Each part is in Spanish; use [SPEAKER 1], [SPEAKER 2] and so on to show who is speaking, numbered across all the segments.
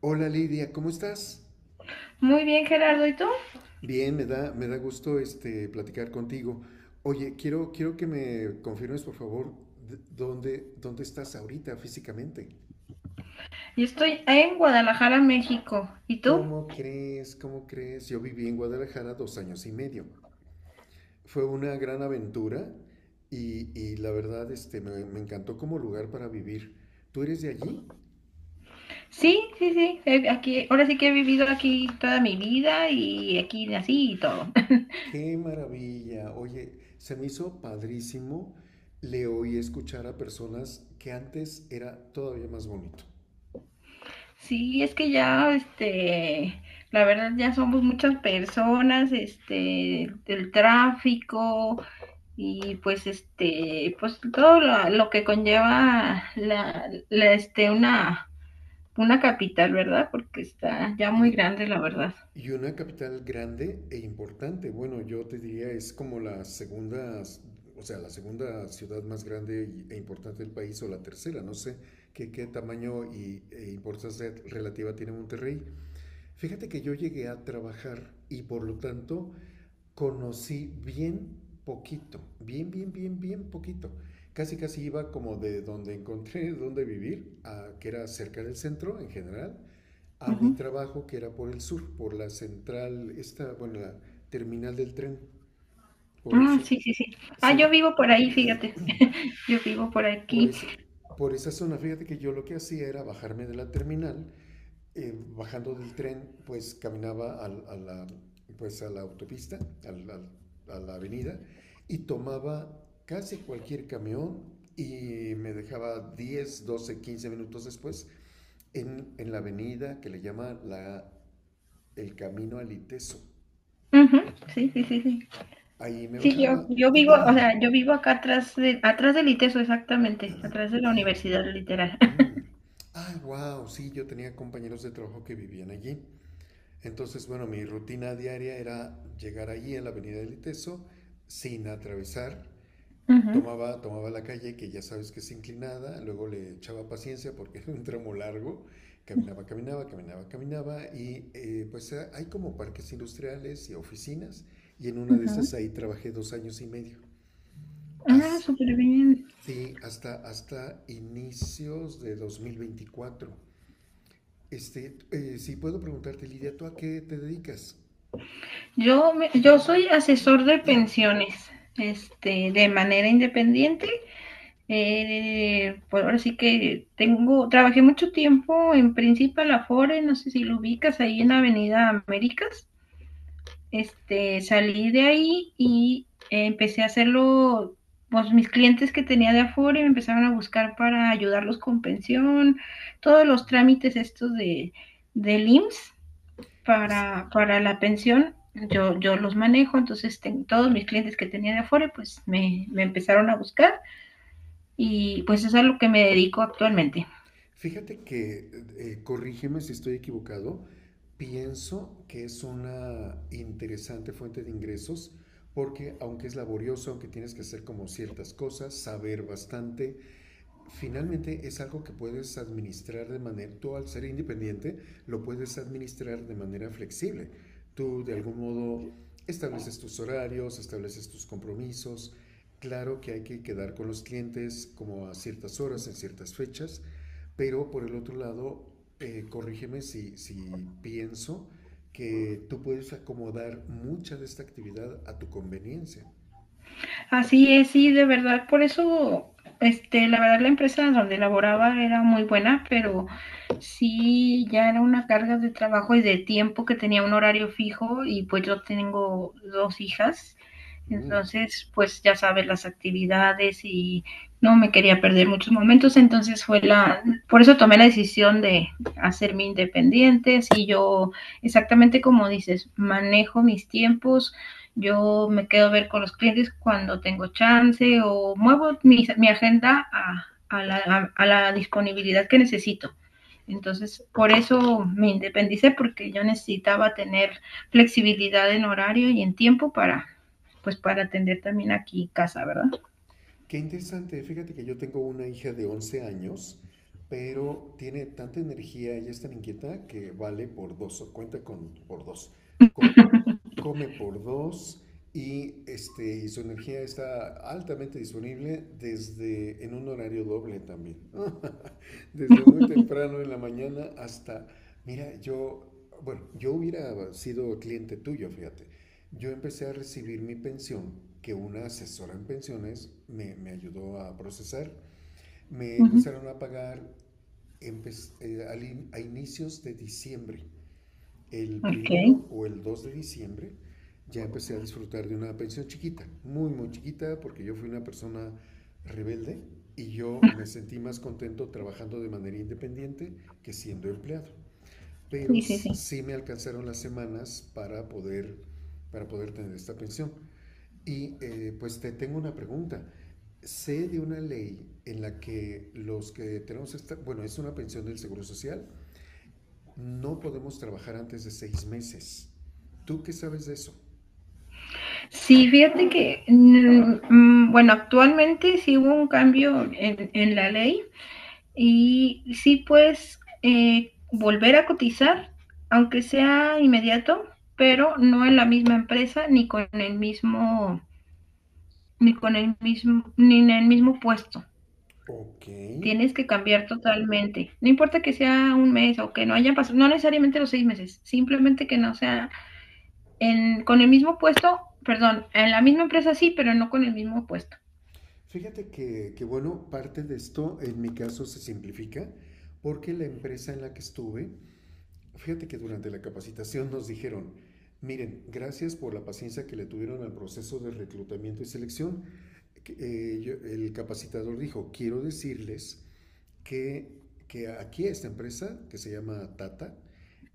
[SPEAKER 1] Hola Lidia, ¿cómo estás?
[SPEAKER 2] Muy bien, Gerardo. ¿Y tú?
[SPEAKER 1] Bien, me da gusto platicar contigo. Oye, quiero que me confirmes, por favor, dónde estás ahorita físicamente.
[SPEAKER 2] Yo estoy en Guadalajara, México. ¿Y tú?
[SPEAKER 1] ¿Cómo crees? ¿Cómo crees? Yo viví en Guadalajara dos años y medio. Fue una gran aventura y la verdad me encantó como lugar para vivir. ¿Tú eres de allí?
[SPEAKER 2] Sí, sí, sí. Aquí, ahora sí que he vivido aquí toda mi vida y aquí nací y todo.
[SPEAKER 1] Qué maravilla. Oye, se me hizo padrísimo. Le oí escuchar a personas que antes era todavía más bonito.
[SPEAKER 2] Sí, es que ya, la verdad ya somos muchas personas, el tráfico y pues, pues todo lo que conlleva una capital, ¿verdad? Porque está ya muy
[SPEAKER 1] Y,
[SPEAKER 2] grande, la verdad.
[SPEAKER 1] y una capital grande e importante. Bueno, yo te diría es como la segunda, o sea, la segunda ciudad más grande e importante del país o la tercera. No sé qué tamaño e importancia relativa tiene Monterrey. Fíjate que yo llegué a trabajar y por lo tanto conocí bien poquito, bien poquito. Casi iba como de donde encontré donde vivir, que era cerca del centro en general, a mi
[SPEAKER 2] Ujú.
[SPEAKER 1] trabajo que era por el sur, por la central, esta, bueno, la terminal del tren, por
[SPEAKER 2] Ah,
[SPEAKER 1] esa,
[SPEAKER 2] sí, sí, sí. Ah, yo
[SPEAKER 1] sí,
[SPEAKER 2] vivo por ahí, fíjate. Yo vivo por
[SPEAKER 1] por
[SPEAKER 2] aquí.
[SPEAKER 1] esa, por esa zona. Fíjate que yo lo que hacía era bajarme de la terminal bajando del tren, pues caminaba pues, a la autopista, al, al, a la avenida, y tomaba casi cualquier camión y me dejaba 10, 12, 15 minutos después en la avenida que le llama la, el Camino al Iteso.
[SPEAKER 2] Ujú, sí, sí, sí, sí.
[SPEAKER 1] Ahí me
[SPEAKER 2] Sí, yo,
[SPEAKER 1] bajaba.
[SPEAKER 2] yo vivo, o sea, yo vivo acá atrás del ITESO, exactamente, atrás de la universidad, literal.
[SPEAKER 1] Mm. Ah, wow, sí, yo tenía compañeros de trabajo que vivían allí. Entonces, bueno, mi rutina diaria era llegar allí en la avenida del Iteso sin atravesar.
[SPEAKER 2] Ujú,
[SPEAKER 1] Tomaba la calle, que ya sabes que es inclinada, luego le echaba paciencia porque era un tramo largo, caminaba, y pues hay como parques industriales y oficinas, y en una de
[SPEAKER 2] ujú.
[SPEAKER 1] esas ahí trabajé dos años y medio.
[SPEAKER 2] Ah,
[SPEAKER 1] As-
[SPEAKER 2] súper bien.
[SPEAKER 1] sí, hasta inicios de 2024. Si puedo preguntarte, Lidia, ¿tú a qué te dedicas?
[SPEAKER 2] Yo soy asesor de pensiones, de manera independiente. Pues ahora sí que tengo, trabajé mucho tiempo en Principal Afore, no sé si lo ubicas ahí en Avenida Américas. Este, salí de ahí y empecé a hacerlo, pues mis clientes que tenía de afuera me empezaron a buscar para ayudarlos con pensión, todos los trámites del IMSS
[SPEAKER 1] Es,
[SPEAKER 2] para la pensión, yo los manejo, entonces todos mis clientes que tenía de afuera, pues me empezaron a buscar y pues eso es a lo que me dedico actualmente.
[SPEAKER 1] Fíjate que, corrígeme si estoy equivocado, pienso que es una interesante fuente de ingresos porque aunque es laborioso, aunque tienes que hacer como ciertas cosas, saber bastante, finalmente es algo que puedes administrar de manera, tú al ser independiente, lo puedes administrar de manera flexible. Tú de algún modo estableces tus horarios, estableces tus compromisos. Claro que hay que quedar con los clientes como a ciertas horas, en ciertas fechas, pero por el otro lado, corrígeme si pienso que tú puedes acomodar mucha de esta actividad a tu conveniencia.
[SPEAKER 2] Así es, sí, de verdad, por eso, la verdad la empresa donde laboraba era muy buena, pero sí, ya era una carga de trabajo y de tiempo que tenía un horario fijo y pues yo tengo dos hijas,
[SPEAKER 1] Mm.
[SPEAKER 2] entonces pues ya sabes las actividades y no me quería perder muchos momentos, entonces por eso tomé la decisión de hacerme independiente, y yo exactamente como dices, manejo mis tiempos. Yo me quedo a ver con los clientes cuando tengo chance o muevo mi agenda a la disponibilidad que necesito. Entonces, por eso me independicé, porque yo necesitaba tener flexibilidad en horario y en tiempo para, pues, para atender también aquí casa, ¿verdad?
[SPEAKER 1] Qué interesante, fíjate que yo tengo una hija de 11 años, pero tiene tanta energía, ella es tan inquieta que vale por dos, o cuenta con por dos, co- come por dos y, y su energía está altamente disponible desde en un horario doble también, desde muy temprano en la mañana hasta, mira, yo, bueno, yo hubiera sido cliente tuyo, fíjate. Yo empecé a recibir mi pensión, que una asesora en pensiones me ayudó a procesar. Me
[SPEAKER 2] Uh -huh.
[SPEAKER 1] empezaron a pagar a inicios de diciembre. El
[SPEAKER 2] Ok.
[SPEAKER 1] primero o el 2 de diciembre ya empecé a disfrutar de una pensión chiquita, muy chiquita, porque yo fui una persona rebelde y yo me sentí más contento trabajando de manera independiente que siendo empleado. Pero
[SPEAKER 2] Sí, sí, sí.
[SPEAKER 1] sí me alcanzaron las semanas para poder tener esta pensión. Y pues te tengo una pregunta. Sé de una ley en la que los que tenemos esta, bueno, es una pensión del Seguro Social, no podemos trabajar antes de 6 meses. ¿Tú qué sabes de eso?
[SPEAKER 2] Sí, fíjate que, bueno, actualmente sí hubo un cambio en la ley. Y sí, pues volver a cotizar, aunque sea inmediato, pero no en la misma empresa ni con el mismo, ni en el mismo puesto.
[SPEAKER 1] Ok.
[SPEAKER 2] Tienes que cambiar totalmente. No importa que sea un mes o que no hayan pasado, no necesariamente los seis meses, simplemente que no sea en, con el mismo puesto, perdón, en la misma empresa sí, pero no con el mismo puesto.
[SPEAKER 1] Fíjate que, bueno, parte de esto en mi caso se simplifica porque la empresa en la que estuve. Fíjate que durante la capacitación nos dijeron, miren, gracias por la paciencia que le tuvieron al proceso de reclutamiento y selección. El capacitador dijo, quiero decirles que, que aquí a esta empresa, que se llama Tata,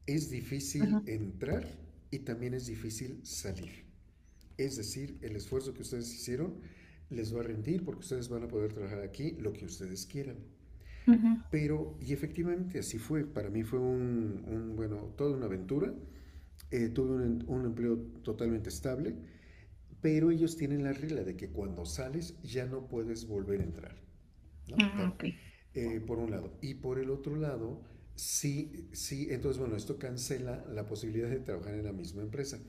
[SPEAKER 1] es
[SPEAKER 2] Ajá.
[SPEAKER 1] difícil entrar y también es difícil salir. Es decir, el esfuerzo que ustedes hicieron les va a rendir porque ustedes van a poder trabajar aquí lo que ustedes quieran.
[SPEAKER 2] Ujú.
[SPEAKER 1] Pero, y efectivamente así fue, para mí fue bueno, toda una aventura. Tuve un empleo totalmente estable, pero ellos tienen la regla de que cuando sales ya no puedes volver a entrar, ¿no?
[SPEAKER 2] Ah, ok.
[SPEAKER 1] Por un lado. Y por el otro lado, sí, sí, entonces bueno, esto cancela la posibilidad de trabajar en la misma empresa,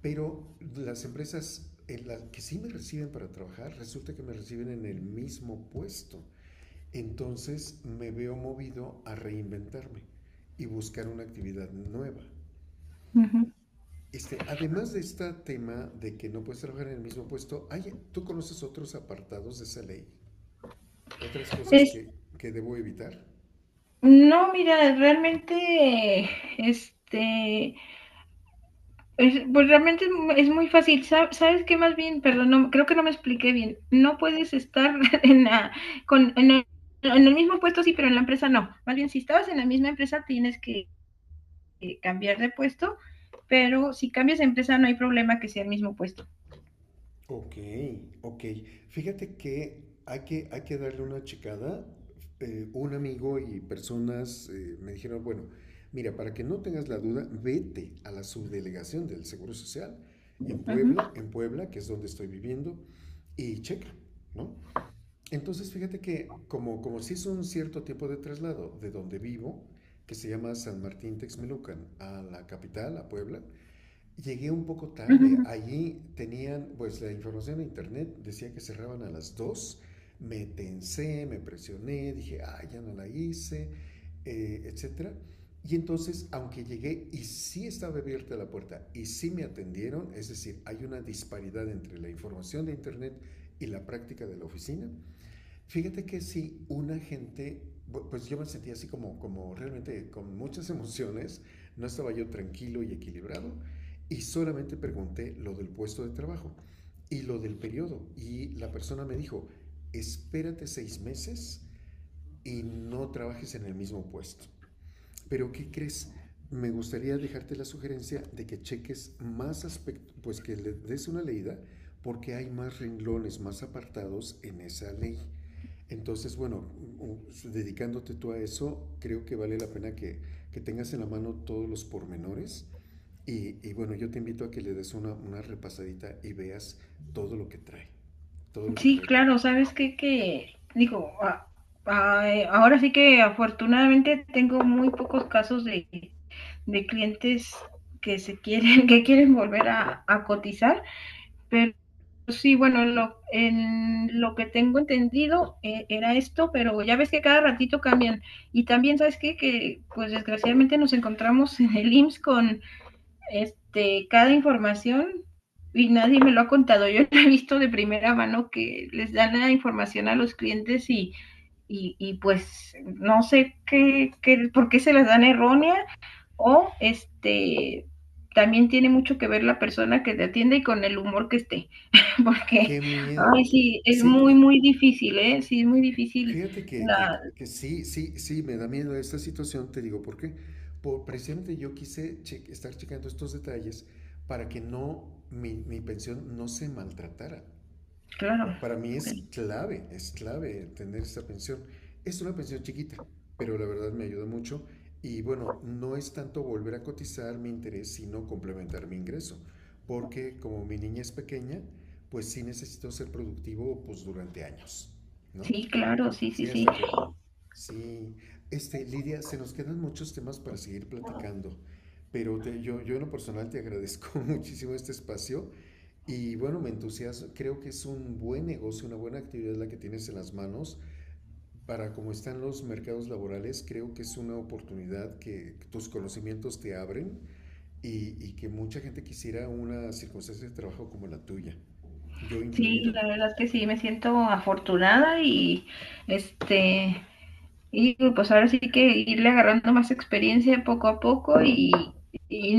[SPEAKER 1] pero las empresas en las que sí me reciben para trabajar, resulta que me reciben en el mismo puesto. Entonces me veo movido a reinventarme y buscar una actividad nueva.
[SPEAKER 2] Ujú.
[SPEAKER 1] Además de este tema de que no puedes trabajar en el mismo puesto, ¿tú conoces otros apartados de esa ley? ¿Otras cosas
[SPEAKER 2] Es,
[SPEAKER 1] que debo evitar?
[SPEAKER 2] No, mira, realmente, este, pues es muy fácil. ¿Sabes qué? Más bien, perdón, no, creo que no me expliqué bien. No puedes estar en la, con, en el mismo puesto, sí, pero en la empresa no. Más bien, si estabas en la misma empresa, tienes que cambiar de puesto, pero si cambias de empresa, no hay problema que sea el mismo puesto.
[SPEAKER 1] Ok, ok. Fíjate que hay que darle una checada. Un amigo y personas me dijeron, bueno, mira, para que no tengas la duda, vete a la subdelegación del Seguro Social
[SPEAKER 2] Ujú,
[SPEAKER 1] En Puebla, que es donde estoy viviendo, y checa, ¿no? Entonces, fíjate que como si es un cierto tiempo de traslado de donde vivo, que se llama San Martín Texmelucan, a la capital, a Puebla, llegué un poco tarde.
[SPEAKER 2] ujú,
[SPEAKER 1] Allí tenían, pues la información en internet decía que cerraban a las dos. Me tensé, me presioné, dije, ah, ya no la hice, etcétera. Y entonces, aunque llegué y sí estaba abierta la puerta y sí me atendieron, es decir, hay una disparidad entre la información de internet y la práctica de la oficina. Fíjate que sí, una gente, pues yo me sentía así como, como realmente con muchas emociones, no estaba yo tranquilo y equilibrado, y solamente pregunté lo del puesto de trabajo y lo del periodo, y la persona me dijo, espérate 6 meses y no trabajes en el mismo puesto. Pero ¿qué crees? Me gustaría dejarte la sugerencia de que cheques más aspectos, pues que le des una leída, porque hay más renglones, más apartados en esa ley. Entonces, bueno, dedicándote tú a eso, creo que vale la pena que tengas en la mano todos los pormenores. Bueno, yo te invito a que le des una repasadita y veas todo lo que trae. Todo lo que
[SPEAKER 2] sí,
[SPEAKER 1] trae.
[SPEAKER 2] claro, ¿sabes qué? Digo, ahora sí que afortunadamente tengo muy pocos casos de clientes que se quieren, que quieren volver a cotizar, pero sí, bueno, en lo que tengo entendido era esto, pero ya ves que cada ratito cambian. Y también, ¿sabes qué? Que pues desgraciadamente nos encontramos en el IMSS con cada información y nadie me lo ha contado. Yo he visto de primera mano que les dan la información a los clientes y pues no sé por qué se las dan errónea o también tiene mucho que ver la persona que te atiende y con el humor que esté, porque
[SPEAKER 1] ¡Qué
[SPEAKER 2] ay,
[SPEAKER 1] miedo!
[SPEAKER 2] sí, es
[SPEAKER 1] Sí,
[SPEAKER 2] muy, muy difícil, ¿eh? Sí, es muy difícil
[SPEAKER 1] fíjate que, que-
[SPEAKER 2] la
[SPEAKER 1] que sí, sí, me da miedo esta situación, te digo, ¿por qué? Por, precisamente yo quise estar checando estos detalles para que no, mi pensión no se maltratara.
[SPEAKER 2] claro.
[SPEAKER 1] Para mí es clave tener esta pensión. Es una pensión chiquita, pero la verdad me ayuda mucho. Y bueno, no es tanto volver a cotizar mi interés, sino complementar mi ingreso. Porque como mi niña es pequeña, pues sí necesito ser productivo pues durante años, ¿no?
[SPEAKER 2] Sí, claro, sí,
[SPEAKER 1] Sí,
[SPEAKER 2] sí, sí.
[SPEAKER 1] hasta que... Sí. Lidia, se nos quedan muchos temas para seguir platicando. Pero yo en lo personal te agradezco muchísimo este espacio y bueno, me entusiasma, creo que es un buen negocio, una buena actividad la que tienes en las manos. Para cómo están los mercados laborales, creo que es una oportunidad que tus conocimientos te abren y que mucha gente quisiera una circunstancia de trabajo como la tuya, yo
[SPEAKER 2] Sí,
[SPEAKER 1] incluido.
[SPEAKER 2] la verdad es que sí, me siento afortunada y este y pues ahora sí que irle agarrando más experiencia poco a poco y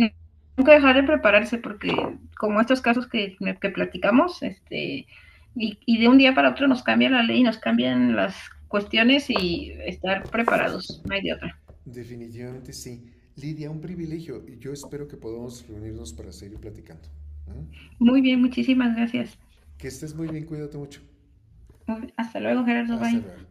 [SPEAKER 2] nunca dejar de prepararse porque como estos casos que platicamos, y, de un día para otro nos cambia la ley, nos cambian las cuestiones y estar preparados, no hay de otra.
[SPEAKER 1] Definitivamente sí. Lidia, un privilegio. Yo espero que podamos reunirnos para seguir platicando. ¿Mm?
[SPEAKER 2] Muy bien, muchísimas gracias.
[SPEAKER 1] Que estés muy bien, cuídate mucho.
[SPEAKER 2] Hasta luego, Gerardo.
[SPEAKER 1] Hasta
[SPEAKER 2] Bye.
[SPEAKER 1] luego.